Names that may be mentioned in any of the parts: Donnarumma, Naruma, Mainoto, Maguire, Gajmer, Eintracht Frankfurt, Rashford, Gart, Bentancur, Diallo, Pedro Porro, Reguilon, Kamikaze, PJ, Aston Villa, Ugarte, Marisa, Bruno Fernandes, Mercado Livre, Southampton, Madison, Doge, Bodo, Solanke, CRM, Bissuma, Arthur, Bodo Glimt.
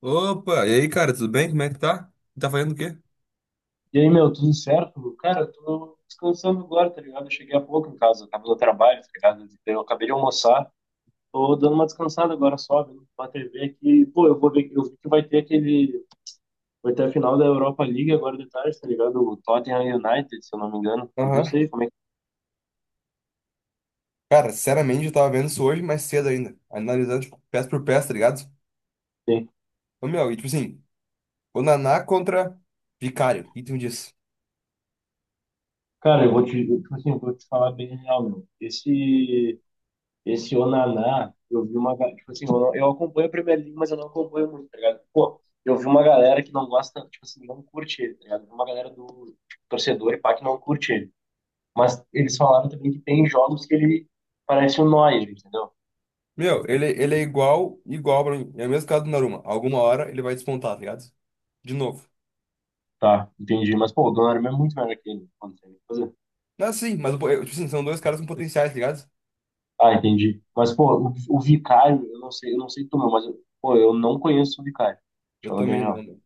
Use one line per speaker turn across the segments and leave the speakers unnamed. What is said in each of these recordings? Opa, e aí, cara, tudo bem? Como é que tá? Tá fazendo o quê?
E aí, meu, tudo certo? Cara, eu tô descansando agora, tá ligado? Eu cheguei há pouco em casa, eu tava no trabalho, tá ligado? Então, eu acabei de almoçar, tô dando uma descansada agora só, vendo uma TV aqui. Pô, eu vou ver, eu vi que vai ter aquele, vai ter a final da Europa League agora de tarde, tá ligado? O Tottenham United, se eu não me engano. Tu viu isso
Aham.
aí? Como é que
Cara, sinceramente, eu tava vendo isso hoje mais cedo ainda. Analisando, tipo, peça por peça, tá ligado?
tem?
Ô, meu, e tipo assim, o Naná contra Vicário. O que tu me diz?
Cara, tipo assim, eu vou te falar bem real, meu. Esse Onaná, eu vi tipo assim, eu, não- eu acompanho a Premier League, mas eu não acompanho muito, tá ligado? Pô, eu vi uma galera que não gosta, tipo assim, não curte ele, tá ligado? Eu vi uma galera do torcedor e pá que não curte ele. Mas eles falaram também que tem jogos que ele parece um Neuer, entendeu?
Meu, ele é igual, igual pra mim. É o mesmo caso do Naruma. Alguma hora ele vai despontar, tá ligado? De novo.
Tá, entendi. Mas, pô, o Donnarumma é muito melhor que ele. Pô, não tem o que fazer.
Não, sim, mas, eu, tipo assim, são dois caras com potenciais, tá ligado?
Ah, entendi. Mas, pô, o Vicário, eu não sei tu, meu, mas, eu- pô, eu não conheço o Vicário. Deixa
Eu
eu falar bem
também não,
real.
meu.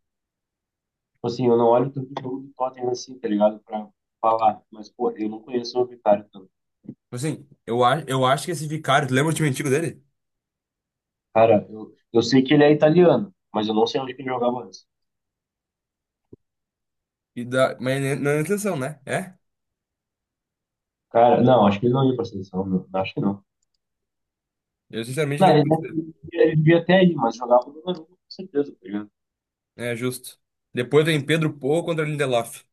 Tipo assim, eu não olho tanto o jogo do Tottenham assim, tá ligado? Pra falar. Mas, pô, eu não conheço o Vicario tanto.
Assim, eu acho que esse Vicário, tu lembra o time antigo dele?
Cara, eu sei que ele é italiano, mas eu não sei onde que ele jogava antes.
Mas não é intenção, né? É?
Cara, não, acho que ele não ia pra seleção, meu. Acho que não.
Eu sinceramente
Não,
não
ele,
consigo.
ele devia até ir, mas jogava no Danone, com certeza, tá ligado?
É justo. Depois vem Pedro Porro contra Lindelof.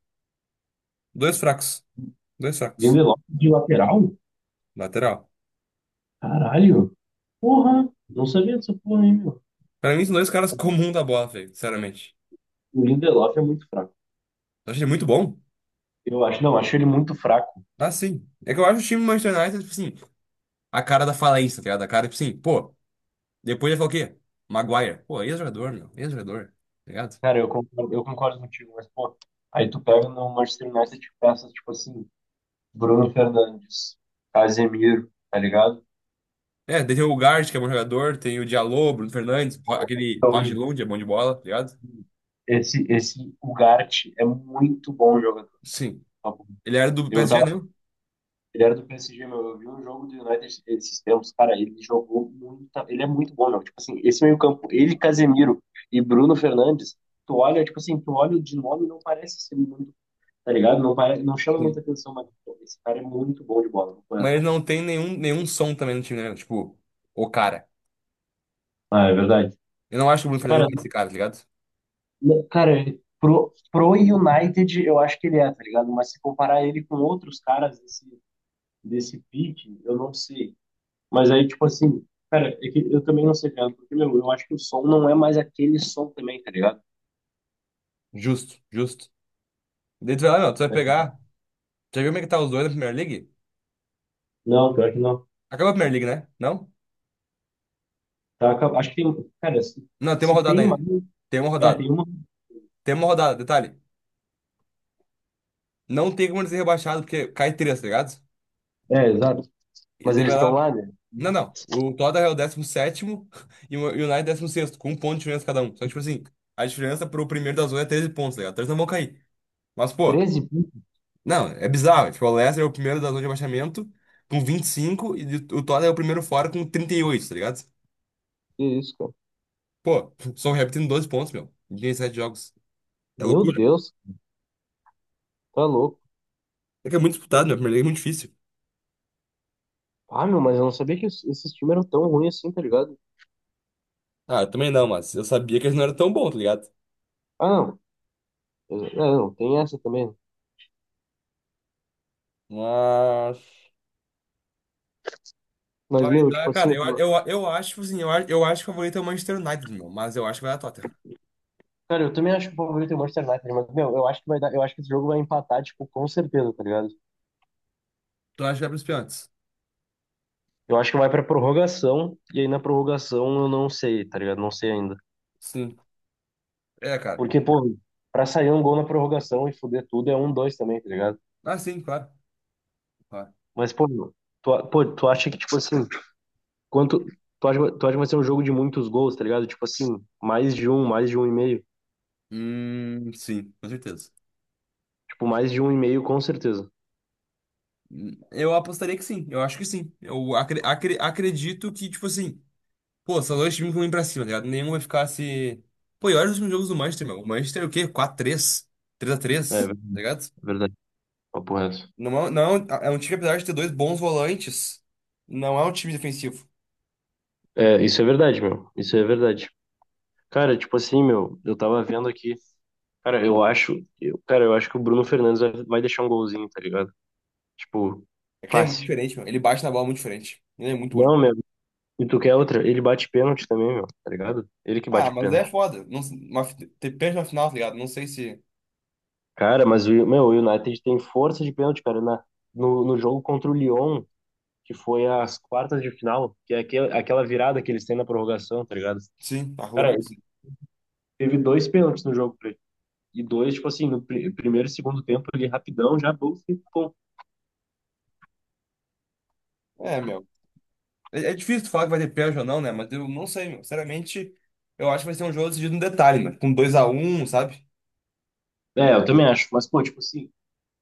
Dois fracos. Dois fracos.
Lindelof de lateral?
Lateral.
Caralho! Porra! Não sabia dessa porra, hein, meu.
Pra mim, são dois caras comum da bola, velho. Sinceramente.
O Lindelof é muito fraco.
Eu achei ele muito bom.
Eu acho, não, acho ele muito fraco.
Ah, sim. É que eu acho o time do Manchester United, tipo assim, a cara da falência, tá ligado? A cara, tipo assim, pô, depois ele falar o quê? Maguire. Pô, ex-jogador, meu. Ex-jogador. Tá ligado?
Cara, eu concordo contigo, mas, pô, aí tu pega no Manchester United e peças, tipo assim, Bruno Fernandes, Casemiro, tá ligado?
É, daí tem o Gart, que é um bom jogador. Tem o Diallo, Bruno Fernandes. Aquele
Então,
Reguilon, que é bom de bola, tá ligado?
esse Ugarte é muito bom jogador.
Sim.
Tá bom?
Ele era do
Eu
PSG,
tava.
não?
Ele era do PSG, meu. Eu vi um jogo do United esses tempos, cara. Ele jogou muito. Ele é muito bom, meu. Tipo assim, esse meio-campo, ele, Casemiro e Bruno Fernandes, tu olha, tipo assim, tu olha de nome e não parece ser muito, tá ligado? Não, pare, não chama muita
Sim.
atenção, mas pô, esse cara é muito bom de bola. Não é?
Mas não tem nenhum som também no time, né? Tipo, o cara.
Ah, é verdade.
Eu não acho que o Bruno
Cara,
Fernandes é esse cara, tá ligado?
não, cara, pro United, eu acho que ele é, tá ligado? Mas se comparar ele com outros caras desse, desse pique, eu não sei. Mas aí, tipo assim, cara, é que eu também não sei, cara, porque, meu, eu acho que o som não é mais aquele som também, tá ligado?
Justo, justo. Daí tu vai lá, meu, tu vai pegar. Já viu como é que tá os dois na Premier League?
Não, pior que não.
Acabou a Premier League, né? Não?
Tá, acho que tem, cara, se,
Não, tem uma
se
rodada
tem mais,
ainda. Tem uma
é,
rodada.
tem uma,
Tem uma rodada, detalhe. Não tem como ele ser rebaixado, porque cai três, tá ligado?
é, exato.
E
Mas
daí
eles
vai
estão
lá.
lá, né?
Não, não. O Tottenham é o 17º e o United é 16º com um ponto de diferença cada um. Só que, tipo assim, a diferença pro primeiro da zona é 13 pontos, tá ligado? Três não vão cair. Mas, pô,
13 piques,
não, é bizarro. Tipo, o Leicester é o primeiro da zona de rebaixamento com 25 e cinco e o Tottenham é o primeiro fora com 38, tá ligado?
que isso, cara.
Pô, Southampton tem 12 pontos, meu. Em 17 jogos. É
Meu
loucura.
Deus, tá louco.
É que é muito disputado, meu. A Primeira Liga é muito difícil.
Ah, meu, mas eu não sabia que esses times eram tão ruins assim, tá ligado?
Ah, eu também não, mas eu sabia que eles não eram tão bons, tá ligado?
Ah, não, é, não, tem essa também.
Mas.
Mas,
Vai
meu, tipo
dar,
assim,
cara,
eu-
eu acho, tipo assim, eu acho que o favorito é o Manchester United, meu. Mas eu acho que vai dar Tottenham.
cara, eu também acho que o favorito é o Manchester United, mas, meu, eu acho que vai dar, eu acho que esse jogo vai empatar, tipo, com certeza, tá ligado?
Tu acha que vai pros pênaltis?
Eu acho que vai pra prorrogação, e aí na prorrogação eu não sei, tá ligado? Não sei ainda.
Sim. É, cara.
Porque, pô, pra sair um gol na prorrogação e foder tudo é um, dois também, tá ligado?
Ah, sim, claro. Claro.
Mas, pô, meu, pô, tu acha que, tipo assim, quanto. Tu acha que vai ser um jogo de muitos gols, tá ligado? Tipo assim, mais de um e meio.
Sim, com certeza.
Tipo, mais de um e meio, com certeza.
Eu apostaria que sim, eu acho que sim. Eu acredito que, tipo assim, pô, são dois times ruins pra cima, tá ligado? Nenhum vai ficar se. Pô, e olha os últimos jogos do Manchester, meu. O Manchester é o quê? 4 três três a
É,
três tá ligado?
verdade. Papo reto.
Não, é um time, apesar de ter dois bons volantes, não é um time defensivo.
É, isso é verdade, meu. Isso é verdade. Cara, tipo assim, meu, eu tava vendo aqui. Cara, eu acho. Eu, cara, eu acho que o Bruno Fernandes vai deixar um golzinho, tá ligado? Tipo,
É que ele é muito
fácil.
diferente, meu. Ele bate na bola muito diferente. Ele é muito bom.
Não, meu. E tu quer outra? Ele bate pênalti também, meu, tá ligado? Ele que
Ah,
bate
mas daí é
pênalti.
foda. Não, ter pênalti na final, tá ligado? Não sei se.
Cara, mas o, meu, o United tem força de pênalti, cara. Na, no, no jogo contra o Lyon, que foi as quartas de final, que é aquela virada que eles têm na prorrogação, tá ligado?
Sim, tá
Cara,
louco assim.
teve dois pênaltis no jogo e dois, tipo assim, no primeiro e segundo tempo ali, rapidão, já bom, pô.
É, meu. É, é difícil tu falar que vai ter pênalti ou não, né? Mas eu não sei, meu. Sinceramente, eu acho que vai ser um jogo decidido no detalhe, né? Com 2-1, sabe?
É, eu também acho. Mas, pô, tipo assim,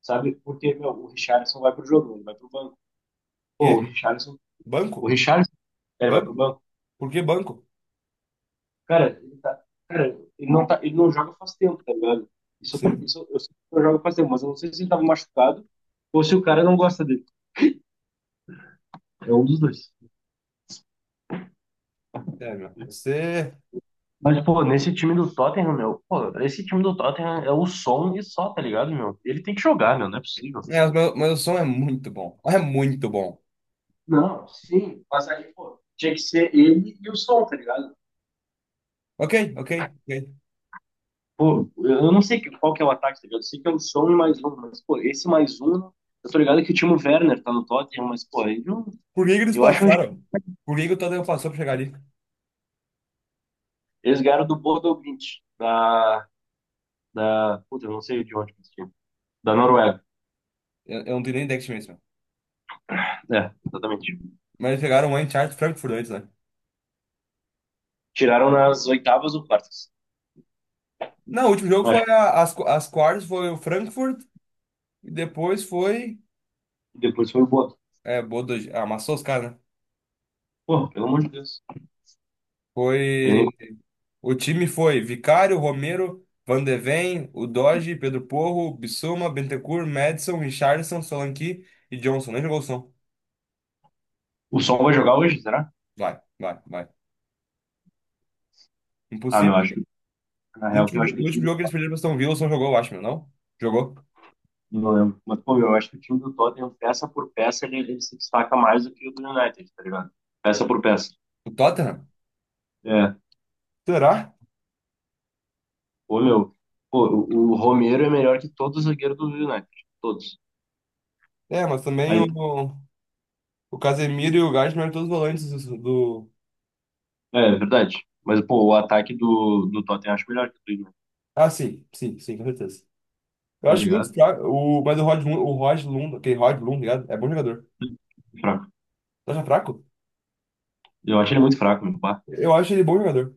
sabe? Porque, meu, o Richarlison vai pro jogo, ele vai pro banco. Pô, o
Quê?
Richarlison,
Banco?
o Richarlison, é, ele vai pro
Banco?
banco.
Por que banco?
Cara, cara, ele não joga faz tempo, tá ligado? Isso,
Sim.
isso eu sei que não joga faz tempo, mas eu não sei se ele tava machucado ou se o cara não gosta dele. É um dos dois.
É, meu. Você.
Mas, pô, nesse time do Tottenham, meu, pô, esse time do Tottenham é o som e só, tá ligado, meu? Ele tem que jogar, meu, não é possível.
É, o meu som é muito bom. É muito bom.
Não, sim, mas aí, pô, tinha que ser ele e o som, tá ligado?
Ok, ok, ok.
Pô, eu não sei qual que é o ataque, tá ligado? Eu sei que é o som e mais um, mas, pô, esse mais um, eu tô ligado que o Timo Werner tá no Tottenham, mas, pô, ele não,
Por que que eles
eu acho um...
passaram? Por que que o Tottenham passou pra chegar ali?
Eles ganharam do Bodo Glimt, puta, eu não sei de onde que esse time, da Noruega,
Eu não tenho nem ideia que time é esse, meu.
é, exatamente.
Mas eles chegaram lá em Eintracht Frankfurt antes, né?
Tiraram nas oitavas ou quartas,
Não, o último jogo foi
acho
as quartas, foi o Frankfurt. E depois foi.
que depois foi o Bodo.
É, Bodo, ah, amassou os caras, né?
Pô, pelo amor de Deus. Ele nem-
Foi. O time foi Vicário, Romero, Van de Ven, o Doge, Pedro Porro, Bissuma, Bentancur, Madison, Richarlison, Solanke e Johnson. Nem jogou o som.
O som vai jogar hoje, será?
Vai, vai, vai.
Ah, meu,
Impossível.
acho que, na
No
real, que
último,
eu
jo-
acho que o
no
time
último
do
jogo que eles perderam pra Aston Villa, só jogou, eu acho, não? Jogou.
Não lembro. Mas, pô, meu, eu acho que o time do Tottenham, peça por peça, ele se destaca mais do que o do United, tá ligado? Peça por peça.
O Tottenham?
É.
Será?
Pô, meu, pô, o Romero é melhor que todos os zagueiros do United. Todos.
É, mas também
Aí,
o Casemiro e o Gajmer eram todos volantes do.
é, é verdade. Mas, pô, o ataque do, do Tottenham eu acho melhor que o do United,
Ah, sim, sim, sim, com certeza. Eu
tá
acho muito
ligado?
fraco, mas o Rod Lund, aquele Rod Lund, ligado? É bom jogador.
Fraco.
Tu acha fraco?
Eu acho ele muito fraco, meu. Pá.
Eu acho ele bom jogador.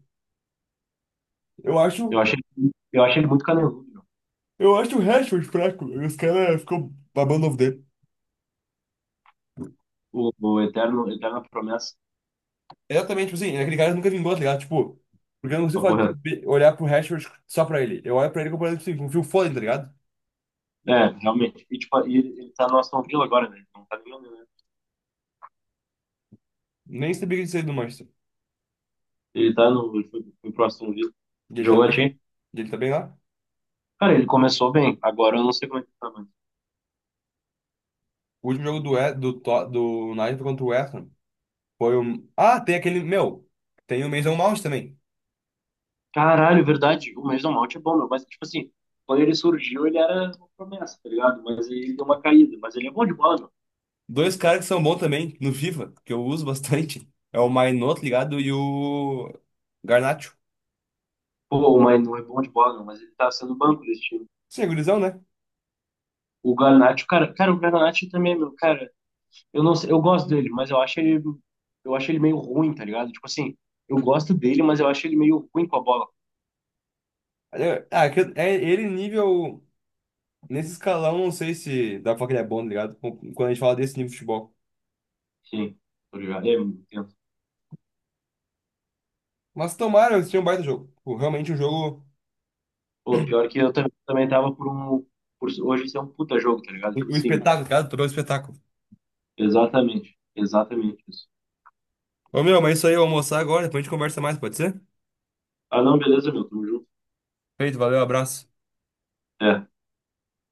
Eu
Eu
acho,
acho ele, eu acho ele muito caneludo, meu.
eu acho o Rashford fraco. Os caras ficam babando ovo dele.
O eterno, eterna promessa.
Exatamente, tipo assim, é aquele cara nunca vingou, tá ligado? Tipo, porque eu não consigo
Uma
falar
porra.
de olhar pro Rashford só pra ele. Eu olho pra ele comparando, tipo assim, com o Phil, tá ligado?
É, realmente. E, tipo, e ele tá no Aston Villa agora, né? Não tá nem
Nem sabia que ele saiu do Manchester.
ele tá no. Ele foi, foi pro Aston Villa.
E ele tá
Jogou a
bem?
Champions.
E ele tá bem lá?
Cara, ele começou bem. Agora eu não sei como é que tá, mas.
O último jogo do, We- do, To- do United foi contra o West Ham, foi um. Ah, tem aquele. Meu, tem o Mason Mount também.
Caralho, verdade. O Mason Mount é bom, meu. Mas, tipo assim, quando ele surgiu, ele era uma promessa, tá ligado? Mas ele deu uma caída. Mas ele é bom de bola, meu.
Dois caras que são bons também no FIFA, que eu uso bastante. É o Mainoto, ligado? E o Garnacho.
Pô, mas não é bom de bola, meu. Mas ele tá sendo banco desse time.
Sim, é gurizão, né?
O Garnacho, cara, o Garnacho também, meu. Cara, eu não sei. Eu gosto dele, mas eu acho ele. Eu acho ele meio ruim, tá ligado? Tipo assim, eu gosto dele, mas eu acho ele meio ruim com a bola.
É ele nível. Nesse escalão, não sei se dá pra falar que ele é bom, tá ligado? Quando a gente fala desse nível de futebol.
Sim, tá ligado? É, eu entendo.
Mas tomara, eles tinham um baita jogo. Tipo, realmente um jogo,
Pô, pior que eu também tava por um. Por hoje ser um puta jogo, tá ligado? Tipo
um
assim,
espetáculo, tá ligado? Todo um espetáculo.
exatamente. Exatamente isso.
Ô meu, mas é isso aí, eu vou almoçar agora, depois a gente conversa mais, pode ser?
Ah, não, beleza, meu, tamo junto.
Feito, valeu, abraço.
É.